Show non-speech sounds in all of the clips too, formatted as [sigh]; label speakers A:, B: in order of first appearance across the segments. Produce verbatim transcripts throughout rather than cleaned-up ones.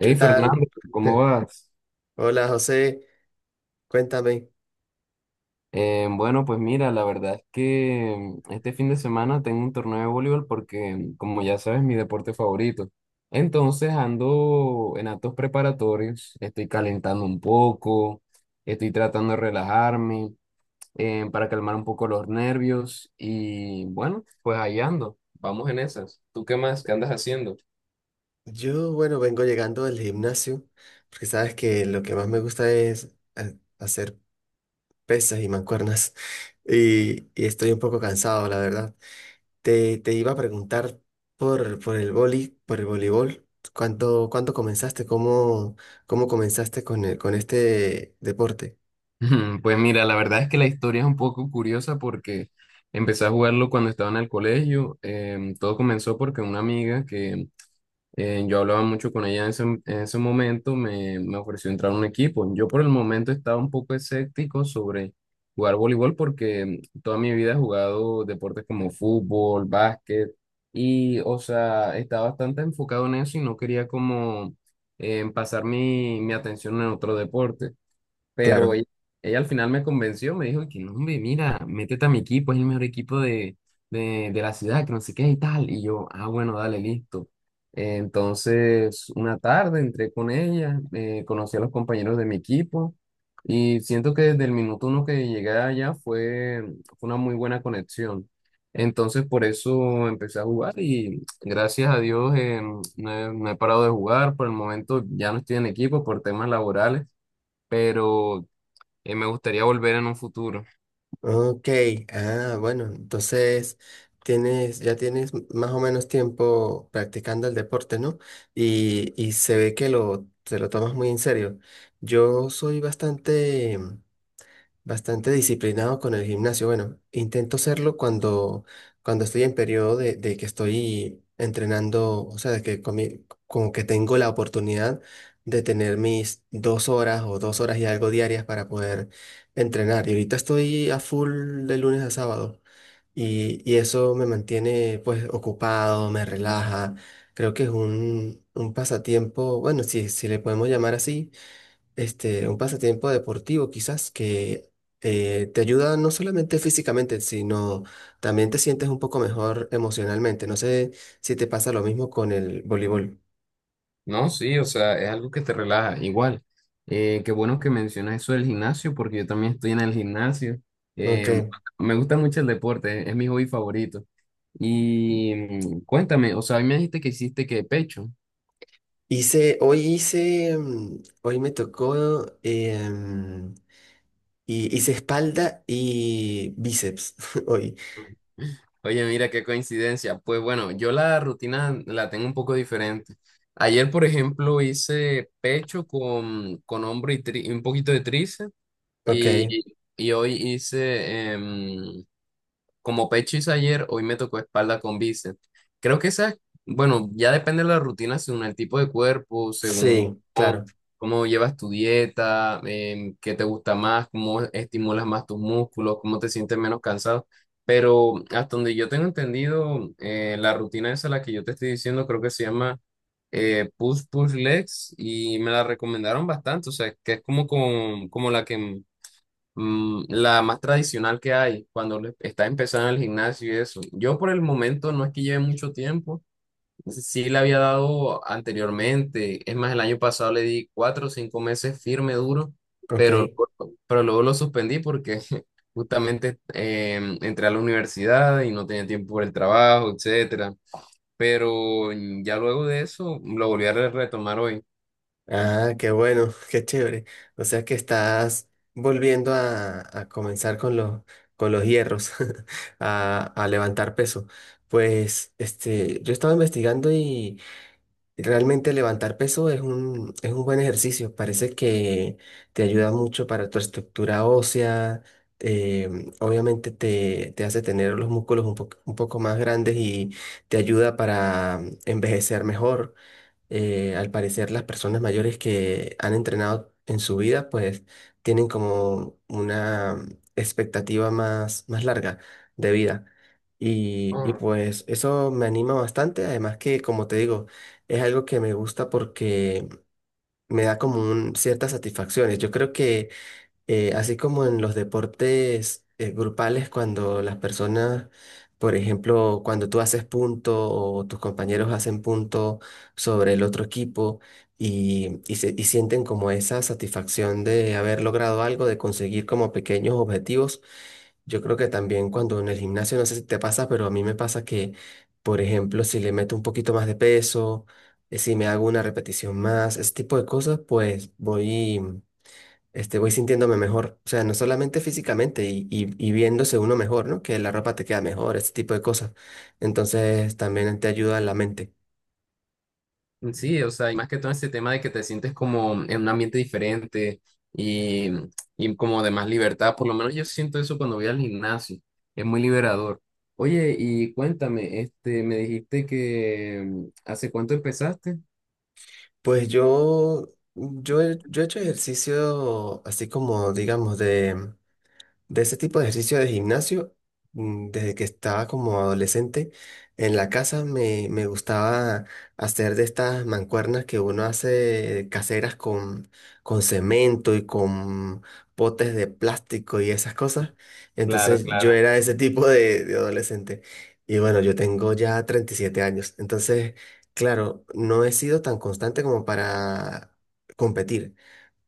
A: ¿Qué
B: Fernando,
A: tal?
B: ¿cómo
A: [laughs]
B: vas?
A: Hola José, cuéntame.
B: Eh, bueno, pues mira, la verdad es que este fin de semana tengo un torneo de voleibol porque, como ya sabes, mi deporte favorito. Entonces ando en actos preparatorios, estoy calentando un poco, estoy tratando de relajarme eh, para calmar un poco los nervios y bueno, pues ahí ando, vamos en esas. ¿Tú qué más? ¿Qué andas haciendo?
A: Yo, bueno, vengo llegando del gimnasio, porque sabes que lo que más me gusta es eh, hacer pesas y mancuernas, [laughs] y, y estoy un poco cansado, la verdad. Te, te iba a preguntar por, por el vóley, por el voleibol. ¿Cuándo, cuándo comenzaste? ¿Cómo, cómo comenzaste con, el- con este deporte?
B: [laughs] Pues mira, la verdad es que la historia es un poco curiosa porque empecé a jugarlo cuando estaba en el colegio. Em, todo comenzó porque una amiga que eh, yo hablaba mucho con ella en ese, en ese momento me, me ofreció entrar a un equipo. Yo por el momento estaba un poco escéptico sobre jugar voleibol porque em, toda mi vida he jugado deportes como fútbol, básquet y, o sea, estaba bastante enfocado en eso y no quería como em, pasar mi, mi atención en otro deporte. Pero
A: Claro.
B: ella, ella al final me convenció, me dijo que no, hombre, mira, métete a mi equipo, es el mejor equipo de, de, de la ciudad, que no sé qué y tal. Y yo, ah, bueno, dale, listo. Eh, entonces, una tarde entré con ella, eh, conocí a los compañeros de mi equipo y siento que desde el minuto uno que llegué allá fue, fue una muy buena conexión. Entonces, por eso empecé a jugar y gracias a Dios eh, no he no he parado de jugar. Por el momento ya no estoy en equipo por temas laborales pero eh, me gustaría volver en un futuro.
A: Ok, ah, bueno, entonces tienes, ya tienes m- más o menos tiempo practicando el deporte, ¿no? Y, y se ve que lo, te lo tomas muy en serio. Yo soy bastante Bastante disciplinado con el gimnasio. Bueno, intento serlo cuando, cuando estoy en periodo de, de que estoy entrenando, o sea, de que comi- como que tengo la oportunidad de tener mis dos horas o dos horas y algo diarias para poder entrenar. Y ahorita estoy a full de lunes a sábado y, y eso me mantiene pues ocupado, me relaja. Creo que es un, un pasatiempo, bueno, si, si le podemos llamar así, este, un pasatiempo deportivo quizás que eh, te ayuda no solamente físicamente, sino también te sientes un poco mejor emocionalmente. No sé si te pasa lo mismo con el voleibol.
B: No, sí, o sea, es algo que te relaja. Igual, eh, qué bueno que mencionas eso del gimnasio, porque yo también estoy en el gimnasio.
A: Ok.
B: Em, Me gusta mucho el deporte, es mi hobby favorito. Y mm, cuéntame, o sea, a mí me dijiste que hiciste que pecho.
A: Hice, hoy hice, mm, hoy me tocó, em, y hice espalda y bíceps [laughs] hoy.
B: Oye, mira qué coincidencia. Pues bueno, yo la rutina la tengo un poco diferente. Ayer, por ejemplo, hice pecho con, con hombro y tri- y un poquito de tríceps
A: Ok.
B: y, y hoy hice. Como pecho hice ayer, hoy me tocó espalda con bíceps. Creo que esa, bueno, ya depende de la rutina según el tipo de cuerpo, según
A: Sí,
B: cómo,
A: claro.
B: cómo llevas tu dieta, em, qué te gusta más, cómo estimulas más tus músculos, cómo te sientes menos cansado. Pero hasta donde yo tengo entendido, eh, la rutina esa, la que yo te estoy diciendo, creo que se llama eh, Push Push Legs y me la recomendaron bastante, o sea, que es como, con- como la que. Mm, la más tradicional que hay cuando le- está empezando el gimnasio y eso. Yo por el momento no es que lleve mucho tiempo, sí le había dado anteriormente, es más, el año pasado le di cuatro o cinco meses firme, duro, pero,
A: Ok.
B: luego- pero luego lo suspendí porque [laughs] justamente eh, entré a la universidad y no tenía tiempo por el trabajo, etcétera. Pero mm, ya luego de eso lo volví a re- retomar hoy.
A: Ah, qué bueno, [laughs] qué chévere. O sea que estás volviendo a, a comenzar con los, con los hierros, [laughs] a, a levantar peso. Pues este, yo estaba investigando y realmente levantar peso es un, es un buen ejercicio. Parece que te ayuda mucho para tu estructura ósea. eh, Obviamente te, te hace tener los músculos un poco, un poco más grandes y te ayuda para envejecer mejor. Eh, al parecer, las personas mayores que han entrenado en su vida, pues, tienen como una expectativa más, más larga de vida. Y, y pues eso me anima bastante, además que, como te digo, es algo que me gusta porque me da como un, ciertas satisfacciones. Yo creo que, eh, así como en los deportes eh, grupales, cuando las personas, por ejemplo, cuando tú haces punto o tus compañeros hacen punto sobre el otro equipo, y, y, se- y sienten como esa satisfacción de haber logrado algo, de conseguir como pequeños objetivos. Yo creo que también, cuando en el gimnasio, no sé si te pasa, pero a mí me pasa que, por ejemplo, si le meto un poquito más de peso, eh, si me hago una repetición más, ese tipo de cosas, pues voy este, voy sintiéndome mejor. O sea, no solamente físicamente y, y- y viéndose uno mejor, ¿no? Que la ropa te queda mejor, ese tipo de cosas. Entonces, también te ayuda la mente.
B: Sí, o sea, y más que todo ese tema de que te sientes como en un ambiente diferente y, y como de más libertad, por lo menos yo siento eso cuando voy al gimnasio, es muy liberador. Oye, y cuéntame, este, me dijiste que mm, ¿hace cuánto empezaste?
A: Pues yo, yo, he- yo he hecho ejercicio así como, digamos, de... de ese tipo de ejercicio de gimnasio, mm, desde que estaba como adolescente. En la casa me, me gustaba hacer de estas mancuernas que uno hace caseras con, con cemento y con potes de plástico y esas cosas.
B: Claro,
A: Entonces yo
B: claro.
A: era ese tipo de, de adolescente. Y bueno, yo tengo ya treinta y siete años. Entonces, claro, no he sido tan constante como para competir.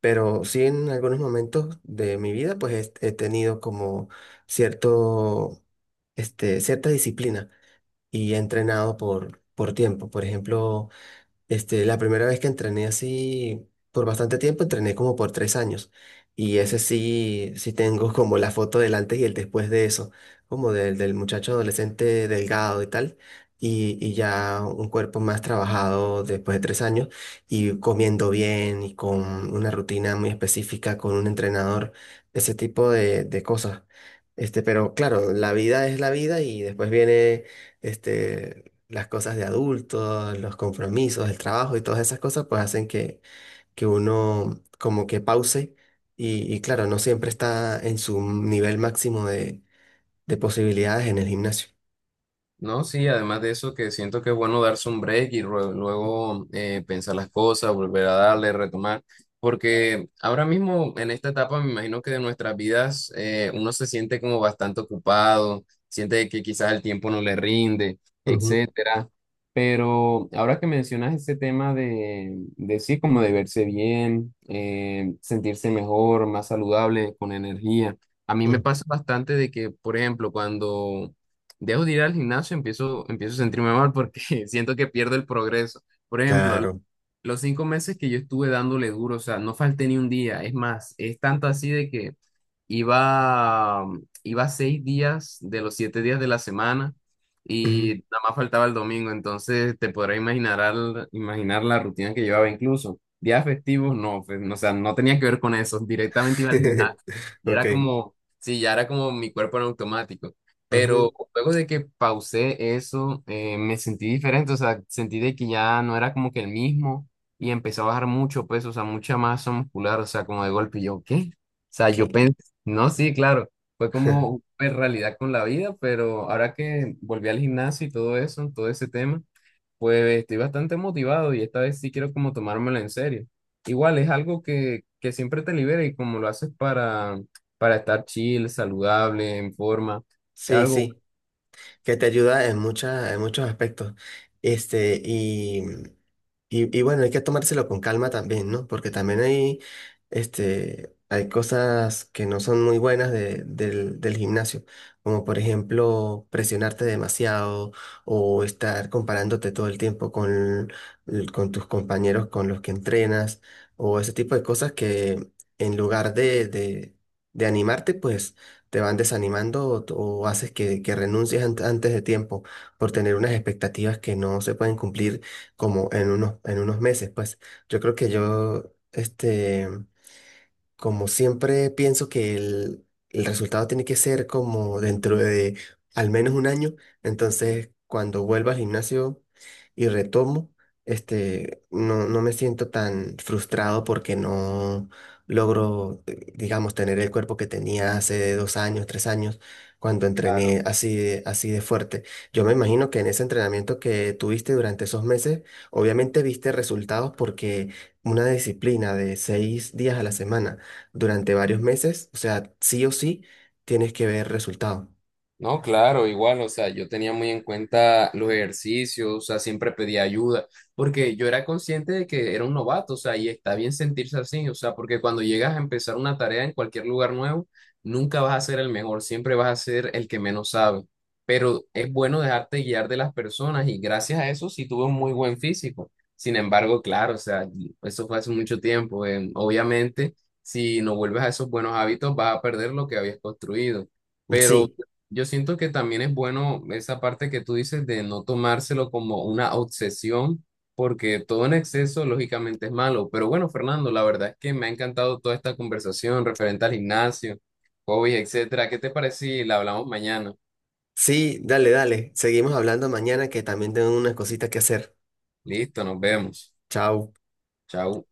A: Pero sí, en algunos momentos de mi vida, pues he, he tenido como cierto, este, cierta disciplina, y he entrenado por, por tiempo. Por ejemplo, este, la primera vez que entrené así por bastante tiempo, entrené como por tres años. Y ese sí, sí tengo como la foto del antes y el después de eso, como del, del muchacho adolescente delgado y tal. Y, y ya un cuerpo más trabajado después de tres años y comiendo bien y con una rutina muy específica, con un entrenador, ese tipo de, de cosas. Este, pero claro, la vida es la vida, y después viene, este, las cosas de adultos, los compromisos, el trabajo y todas esas cosas, pues hacen que, que uno como que pause y, y claro, no siempre está en su nivel máximo de, de posibilidades en el gimnasio.
B: No, sí, además de eso que siento que es bueno darse un break y rue- luego, eh, pensar las cosas, volver a darle, retomar, porque ahora mismo en esta etapa me imagino que de nuestras vidas eh, uno se siente como bastante ocupado, siente que quizás el tiempo no le rinde,
A: Ujú,
B: etcétera. Pero ahora que mencionas ese tema de, de sí, como de verse bien, eh, sentirse mejor, más saludable, con energía. A mí me
A: mm,
B: pasa bastante de que, por ejemplo, cuando dejo de ir al gimnasio, empiezo, empiezo a sentirme mal porque [laughs] siento que pierdo el progreso. Por ejemplo,
A: claro.
B: los cinco meses que yo estuve dándole duro, o sea, no falté ni un día. Es más, es tanto así de que iba, mm, iba seis días de los siete días de la semana
A: Ujú.
B: y nada más faltaba el domingo. Entonces te podrás imaginar, al- imaginar la rutina que llevaba incluso. Días festivos, no, pues, no, o sea, no tenía que ver con eso. Directamente iba al
A: [laughs]
B: gimnasio. Y
A: Ok.
B: era como, sí, ya era como mi cuerpo en automático.
A: Ujú,
B: Pero luego de que pausé eso, eh, me sentí diferente, o sea, sentí de que ya no era como que el mismo y empecé a bajar mucho peso, o sea, mucha masa muscular, o sea, como de golpe, y yo, ¿qué? O sea,
A: ok.
B: yo pensé, no, sí, claro, fue como
A: [laughs]
B: una realidad con la vida, pero ahora que volví al gimnasio y todo eso, todo ese tema, pues estoy bastante motivado y esta vez sí quiero como tomármelo en serio. Igual es algo que, que siempre te libera y como lo haces para, para estar chill, saludable, en forma, es
A: Sí,
B: algo...
A: sí. Que te ayuda en muchas, en muchos aspectos. Este, y, y, y bueno, hay que tomárselo con calma también, ¿no? Porque también hay, este, hay cosas que no son muy buenas de- del, del gimnasio, como, por ejemplo, presionarte demasiado o estar comparándote todo el tiempo con, l- con tus compañeros, con los que entrenas, o ese tipo de cosas que, en lugar de, de de animarte, pues te van desanimando, o, o haces que, que renuncies ant- antes de tiempo por tener unas expectativas que no se pueden cumplir como en unos, en unos meses. Pues yo creo que yo, este como siempre pienso que el, el resultado tiene que ser como dentro de al menos un año, entonces, cuando vuelva al gimnasio y retomo, este, no, no me siento tan frustrado porque no logro, eh, digamos, tener el cuerpo que tenía hace dos años, tres años, cuando entrené así de, así de fuerte. Yo me imagino que en ese entrenamiento que tuviste durante esos meses, obviamente viste resultados, porque una disciplina de seis días a la semana durante varios meses, o sea, sí o sí, tienes que ver resultado.
B: No, claro, igual, o sea, yo tenía muy en cuenta los ejercicios, o sea, siempre pedía ayuda, porque yo era consciente de que era un novato, o sea, y está bien sentirse así, o sea, porque cuando llegas a empezar una tarea en cualquier lugar nuevo, nunca vas a ser el mejor, siempre vas a ser el que menos sabe, pero es bueno dejarte guiar de las personas y gracias a eso sí tuve un muy buen físico. Sin embargo, claro, o sea, eso fue hace mucho tiempo, eh, obviamente, si no vuelves a esos buenos hábitos, vas a perder lo que habías construido.
A: Sí,
B: Yo siento que también es bueno esa parte que tú dices de no tomárselo como una obsesión, porque todo en exceso lógicamente es malo. Pero bueno, Fernando, la verdad es que me ha encantado toda esta conversación referente al gimnasio, hobbies, etcétera. ¿Qué te parece si la hablamos mañana?
A: sí, dale, dale. Seguimos hablando mañana, que también tengo unas cositas que hacer.
B: Listo, nos vemos.
A: Chao.
B: Chao.